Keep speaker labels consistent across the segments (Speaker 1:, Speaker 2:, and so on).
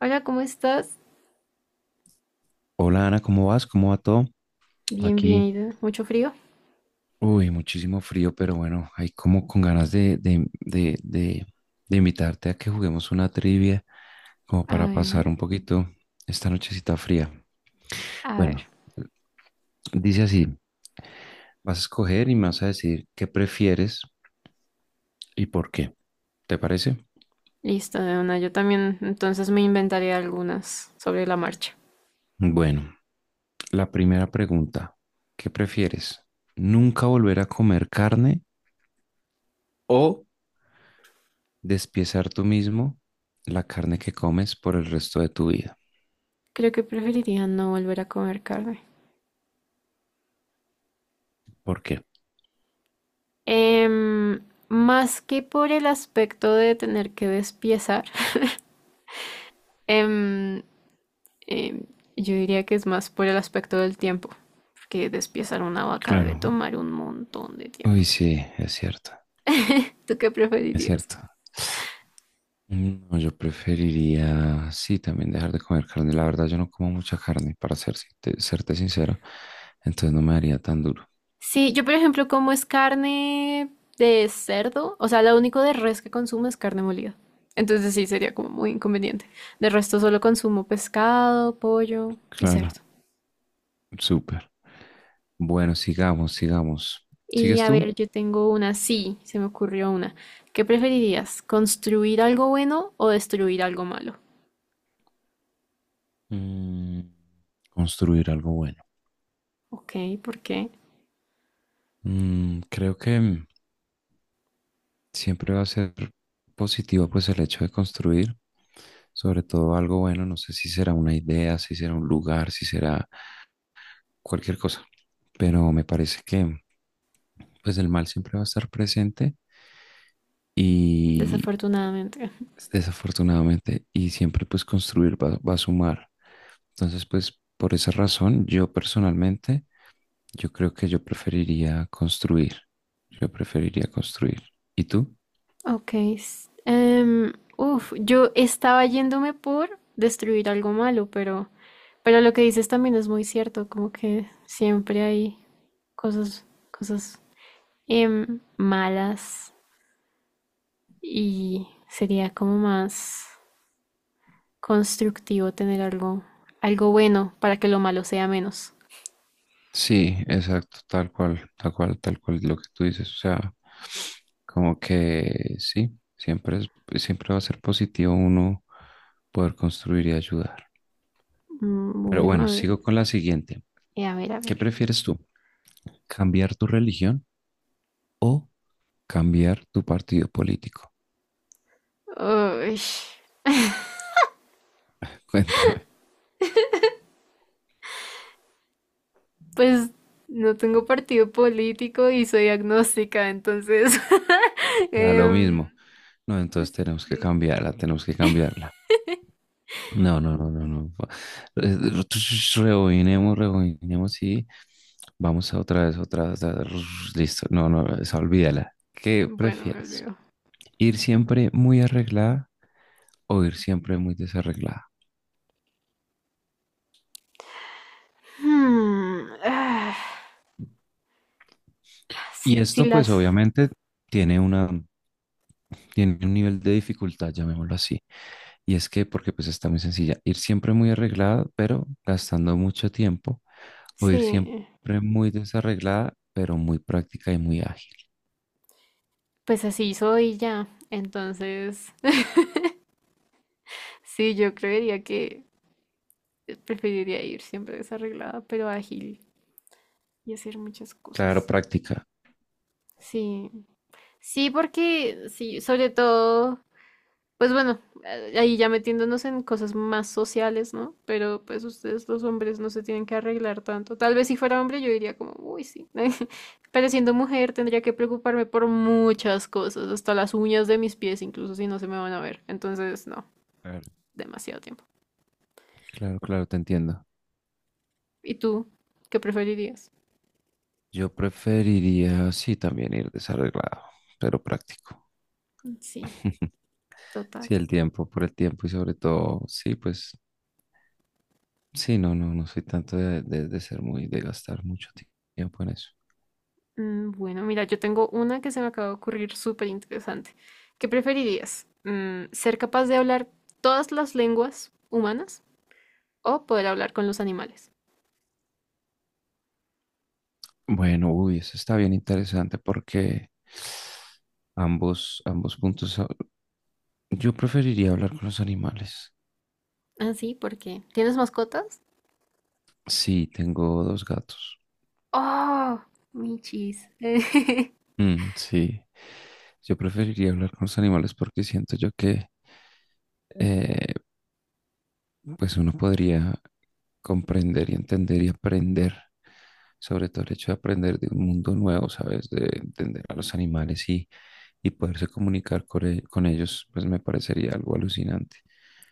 Speaker 1: Hola, ¿cómo estás?
Speaker 2: Hola Ana, ¿cómo vas? ¿Cómo va todo?
Speaker 1: Bien, bien,
Speaker 2: Aquí,
Speaker 1: ¿y tú? ¿Mucho frío?
Speaker 2: muchísimo frío, pero bueno, hay como con ganas de invitarte a que juguemos una trivia, como
Speaker 1: A
Speaker 2: para
Speaker 1: ver,
Speaker 2: pasar un poquito esta nochecita fría.
Speaker 1: a ver.
Speaker 2: Bueno, dice así, vas a escoger y me vas a decir qué prefieres y por qué, ¿te parece?
Speaker 1: Listo, de una. Yo también entonces me inventaré algunas sobre la marcha.
Speaker 2: Bueno, la primera pregunta, ¿qué prefieres? ¿Nunca volver a comer carne o despiezar tú mismo la carne que comes por el resto de tu vida?
Speaker 1: Creo que preferiría no volver a comer carne.
Speaker 2: ¿Por qué?
Speaker 1: Em, Más que por el aspecto de tener que despiezar, em, em, yo diría que es más por el aspecto del tiempo, porque despiezar una vaca debe
Speaker 2: Claro.
Speaker 1: tomar un montón de tiempo.
Speaker 2: Uy, sí, es cierto,
Speaker 1: ¿Tú qué
Speaker 2: es
Speaker 1: preferirías?
Speaker 2: cierto. No, yo preferiría, sí, también dejar de comer carne. La verdad, yo no como mucha carne, para ser, serte sincero. Entonces no me haría tan duro.
Speaker 1: Sí, yo por ejemplo como es carne de cerdo, o sea, lo único de res que consumo es carne molida. Entonces sí, sería como muy inconveniente. De resto solo consumo pescado, pollo y
Speaker 2: Claro,
Speaker 1: cerdo.
Speaker 2: súper. Bueno, sigamos, sigamos.
Speaker 1: Y
Speaker 2: ¿Sigues
Speaker 1: a
Speaker 2: tú?
Speaker 1: ver, yo tengo una, sí, se me ocurrió una. ¿Qué preferirías? ¿Construir algo bueno o destruir algo malo?
Speaker 2: Mm, construir algo bueno.
Speaker 1: Ok, ¿por qué?
Speaker 2: Creo que siempre va a ser positivo pues el hecho de construir, sobre todo algo bueno, no sé si será una idea, si será un lugar, si será cualquier cosa, pero me parece que pues el mal siempre va a estar presente y
Speaker 1: Desafortunadamente.
Speaker 2: desafortunadamente y siempre pues construir va a sumar. Entonces pues por esa razón yo personalmente yo creo que yo preferiría construir, yo preferiría construir. ¿Y tú?
Speaker 1: Ok. Yo estaba yéndome por destruir algo malo, pero lo que dices también es muy cierto, como que siempre hay cosas malas, y sería como más constructivo tener algo, algo bueno para que lo malo sea menos.
Speaker 2: Sí, exacto, tal cual, tal cual, tal cual lo que tú dices. O sea, como que sí, siempre es, siempre va a ser positivo uno poder construir y ayudar.
Speaker 1: Mm.
Speaker 2: Pero
Speaker 1: Bueno, a
Speaker 2: bueno,
Speaker 1: ver,
Speaker 2: sigo con la siguiente.
Speaker 1: a ver, a ver.
Speaker 2: ¿Qué prefieres tú? ¿Cambiar tu religión o cambiar tu partido político?
Speaker 1: Uy,
Speaker 2: Cuéntame.
Speaker 1: pues no tengo partido político y soy agnóstica, entonces
Speaker 2: Ya lo
Speaker 1: em,
Speaker 2: mismo. No, entonces tenemos que
Speaker 1: sí.
Speaker 2: cambiarla, tenemos que cambiarla. No, no, no, no, no. Eh, Rebobinemos, rebobinemos y vamos a otra vez, otra vez. Listo. No, no, esa olvídala. ¿Qué
Speaker 1: Bueno, me
Speaker 2: prefieres?
Speaker 1: olvido.
Speaker 2: ¿Ir siempre muy arreglada o ir siempre muy desarreglada?
Speaker 1: Hmm, ah,
Speaker 2: Y
Speaker 1: si, si
Speaker 2: esto, pues,
Speaker 1: las,
Speaker 2: obviamente tiene una, tiene un nivel de dificultad, llamémoslo así. Y es que, porque pues está muy sencilla, ir siempre muy arreglada, pero gastando mucho tiempo, o ir
Speaker 1: Sí,
Speaker 2: siempre muy desarreglada, pero muy práctica y muy ágil.
Speaker 1: pues así soy ya. Entonces, sí, yo creería que preferiría ir siempre desarreglada, pero ágil y hacer muchas
Speaker 2: Claro,
Speaker 1: cosas.
Speaker 2: práctica.
Speaker 1: Sí, sí, porque sí, sobre todo, pues bueno, ahí ya metiéndonos en cosas más sociales, ¿no? Pero pues ustedes los hombres no se tienen que arreglar tanto. Tal vez si fuera hombre yo diría como, uy, sí. Pero siendo mujer tendría que preocuparme por muchas cosas, hasta las uñas de mis pies, incluso si no se me van a ver. Entonces, no.
Speaker 2: Claro.
Speaker 1: Demasiado tiempo.
Speaker 2: Claro, claro, te entiendo.
Speaker 1: ¿Y tú qué preferirías?
Speaker 2: Yo preferiría, sí, también ir desarreglado, pero práctico.
Speaker 1: Sí. Total.
Speaker 2: Sí, el tiempo, por el tiempo y sobre todo, sí, pues, sí, no, no, no soy tanto de, de ser muy, de gastar mucho tiempo en eso.
Speaker 1: Mm. Bueno, mira, yo tengo una que se me acaba de ocurrir súper interesante. ¿Qué preferirías? ¿Ser capaz de hablar todas las lenguas humanas o poder hablar con los animales?
Speaker 2: Bueno, uy, eso está bien interesante porque ambos, ambos puntos, yo preferiría hablar con los animales.
Speaker 1: Ah, sí, ¿por qué? ¿Tienes mascotas?
Speaker 2: Sí, tengo dos gatos.
Speaker 1: ¡Oh! Michis.
Speaker 2: Mm, sí, yo preferiría hablar con los animales porque siento yo que eh, pues uno podría comprender y entender y aprender, sobre todo el hecho de aprender de un mundo nuevo, ¿sabes? De entender a los animales y poderse comunicar con ellos, pues me parecería algo alucinante.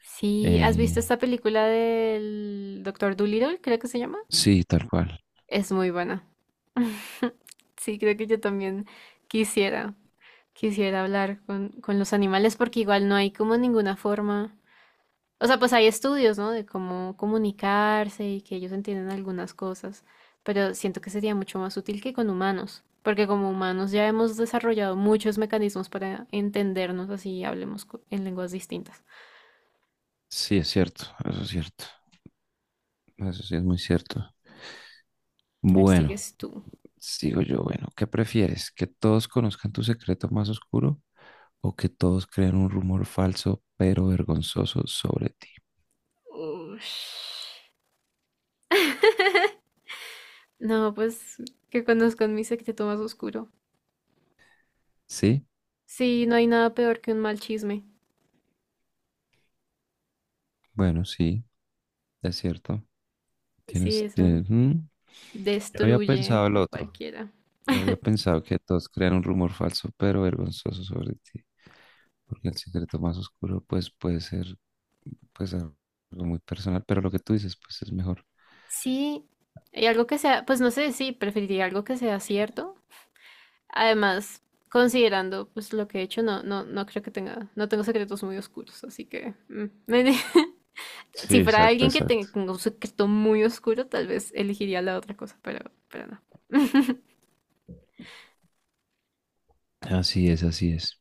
Speaker 1: Sí, ¿has visto
Speaker 2: Eh,
Speaker 1: esta película del Doctor Dolittle? Creo que se llama.
Speaker 2: sí, tal cual.
Speaker 1: Es muy buena. Sí, creo que yo también quisiera. Quisiera hablar con los animales porque igual no hay como ninguna forma. O sea, pues hay estudios, ¿no? De cómo comunicarse y que ellos entienden algunas cosas, pero siento que sería mucho más útil que con humanos, porque como humanos ya hemos desarrollado muchos mecanismos para entendernos así y hablemos en lenguas distintas.
Speaker 2: Sí, es cierto, eso sí es muy cierto.
Speaker 1: A ver,
Speaker 2: Bueno.
Speaker 1: sigues tú.
Speaker 2: Sigo yo, bueno, ¿qué prefieres? ¿Que todos conozcan tu secreto más oscuro o que todos crean un rumor falso pero vergonzoso sobre ti?
Speaker 1: Ush. No, pues que conozcan mi secreto más oscuro.
Speaker 2: Sí,
Speaker 1: Sí, no hay nada peor que un mal chisme.
Speaker 2: bueno, sí, es cierto.
Speaker 1: Sí,
Speaker 2: Tienes,
Speaker 1: eso
Speaker 2: tienes- mm, Yo había
Speaker 1: destruye
Speaker 2: pensado el
Speaker 1: a
Speaker 2: otro.
Speaker 1: cualquiera.
Speaker 2: Yo habría pensado que todos crean un rumor falso pero vergonzoso sobre ti, porque el secreto más oscuro pues puede ser pues algo muy personal, pero lo que tú dices pues es mejor.
Speaker 1: Sí, y algo que sea, pues no sé, sí, preferiría algo que sea cierto. Además, considerando pues lo que he hecho, no, no, no creo que tenga, no tengo secretos muy oscuros, así que mm,
Speaker 2: Sí,
Speaker 1: si fuera
Speaker 2: exacto,
Speaker 1: alguien que
Speaker 2: exacto.
Speaker 1: tenga un secreto muy oscuro, tal vez elegiría la otra cosa, pero no.
Speaker 2: Así es, así es.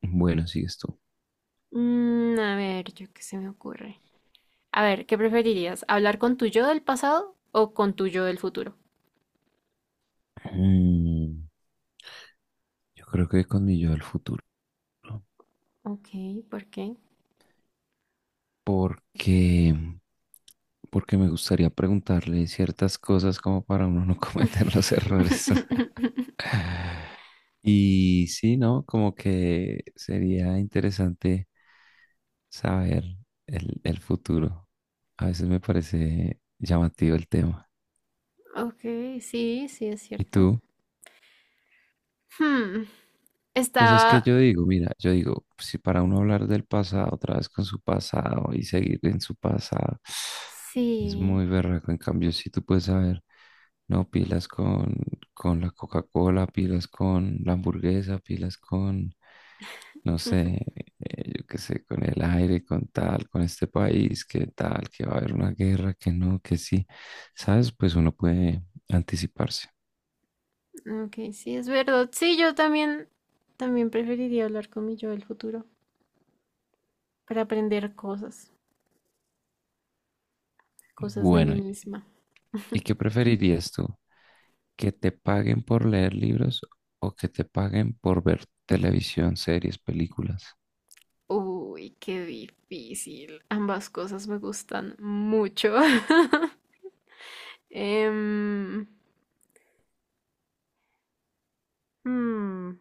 Speaker 2: Bueno, sigues tú.
Speaker 1: Mm, a ver, yo qué se me ocurre. A ver, ¿qué preferirías? ¿Hablar con tu yo del pasado o con tu yo del futuro?
Speaker 2: Mm. Yo creo que con mi yo del futuro, ¿no?
Speaker 1: Ok, ¿por qué?
Speaker 2: Porque, porque me gustaría preguntarle ciertas cosas como para uno no cometer los errores. Y sí, ¿no? Como que sería interesante saber el futuro. A veces me parece llamativo el tema.
Speaker 1: Ok, sí, sí es
Speaker 2: ¿Y
Speaker 1: cierto.
Speaker 2: tú?
Speaker 1: Hmm,
Speaker 2: Pues es que
Speaker 1: Estaba,
Speaker 2: yo digo, mira, yo digo, si para uno hablar del pasado otra vez con su pasado y seguir en su pasado, es
Speaker 1: sí,
Speaker 2: muy berraco. En cambio, si tú puedes saber, no, pilas con la Coca-Cola, pilas con la hamburguesa, pilas con, no sé, yo qué sé, con el aire, con tal, con este país, que tal, que va a haber una guerra, que no, que sí. ¿Sabes? Pues uno puede anticiparse.
Speaker 1: ok, sí, es verdad. Sí, yo también, también preferiría hablar con mi yo del futuro para aprender cosas, cosas de mí
Speaker 2: Bueno,
Speaker 1: misma.
Speaker 2: ¿y qué preferirías tú? ¿Que te paguen por leer libros o que te paguen por ver televisión, series, películas?
Speaker 1: Uy, qué difícil. Ambas cosas me gustan mucho. Em, hmm,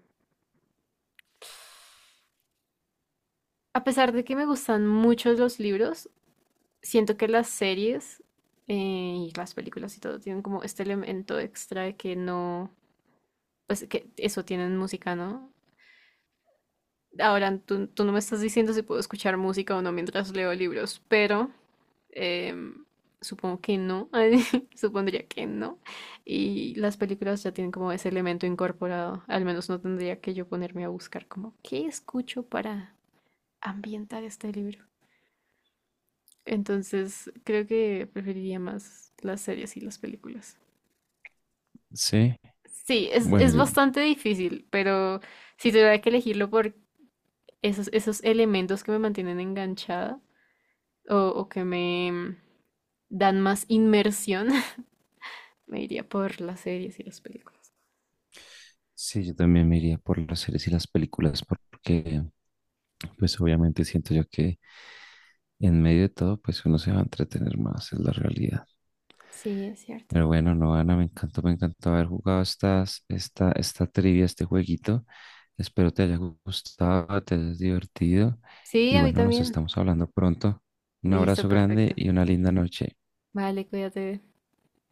Speaker 1: a pesar de que me gustan mucho los libros, siento que las series eh, y las películas y todo tienen como este elemento extra de que no, pues que eso tienen música, ¿no? Ahora, tú no me estás diciendo si puedo escuchar música o no mientras leo libros, pero em, supongo que no, supondría que no. Y las películas ya tienen como ese elemento incorporado, al menos no tendría que yo ponerme a buscar como qué escucho para ambientar este libro. Entonces, creo que preferiría más las series y las películas.
Speaker 2: Sí,
Speaker 1: Sí,
Speaker 2: bueno,
Speaker 1: es
Speaker 2: yo,
Speaker 1: bastante difícil, pero si tuviera que elegirlo por esos elementos que me mantienen enganchada, o que me dan más inmersión, me iría por las series y las películas.
Speaker 2: sí, yo también me iría por las series y las películas porque pues obviamente siento yo que en medio de todo pues uno se va a entretener más, es la realidad.
Speaker 1: Sí, es cierto.
Speaker 2: Pero bueno, no, Ana, me encantó haber jugado estas, esta trivia, este jueguito. Espero te haya gustado, te hayas divertido
Speaker 1: Sí,
Speaker 2: y
Speaker 1: a mí
Speaker 2: bueno, nos
Speaker 1: también.
Speaker 2: estamos hablando pronto. Un
Speaker 1: Listo,
Speaker 2: abrazo grande
Speaker 1: perfecto.
Speaker 2: y una linda noche.
Speaker 1: Vale, cuídate.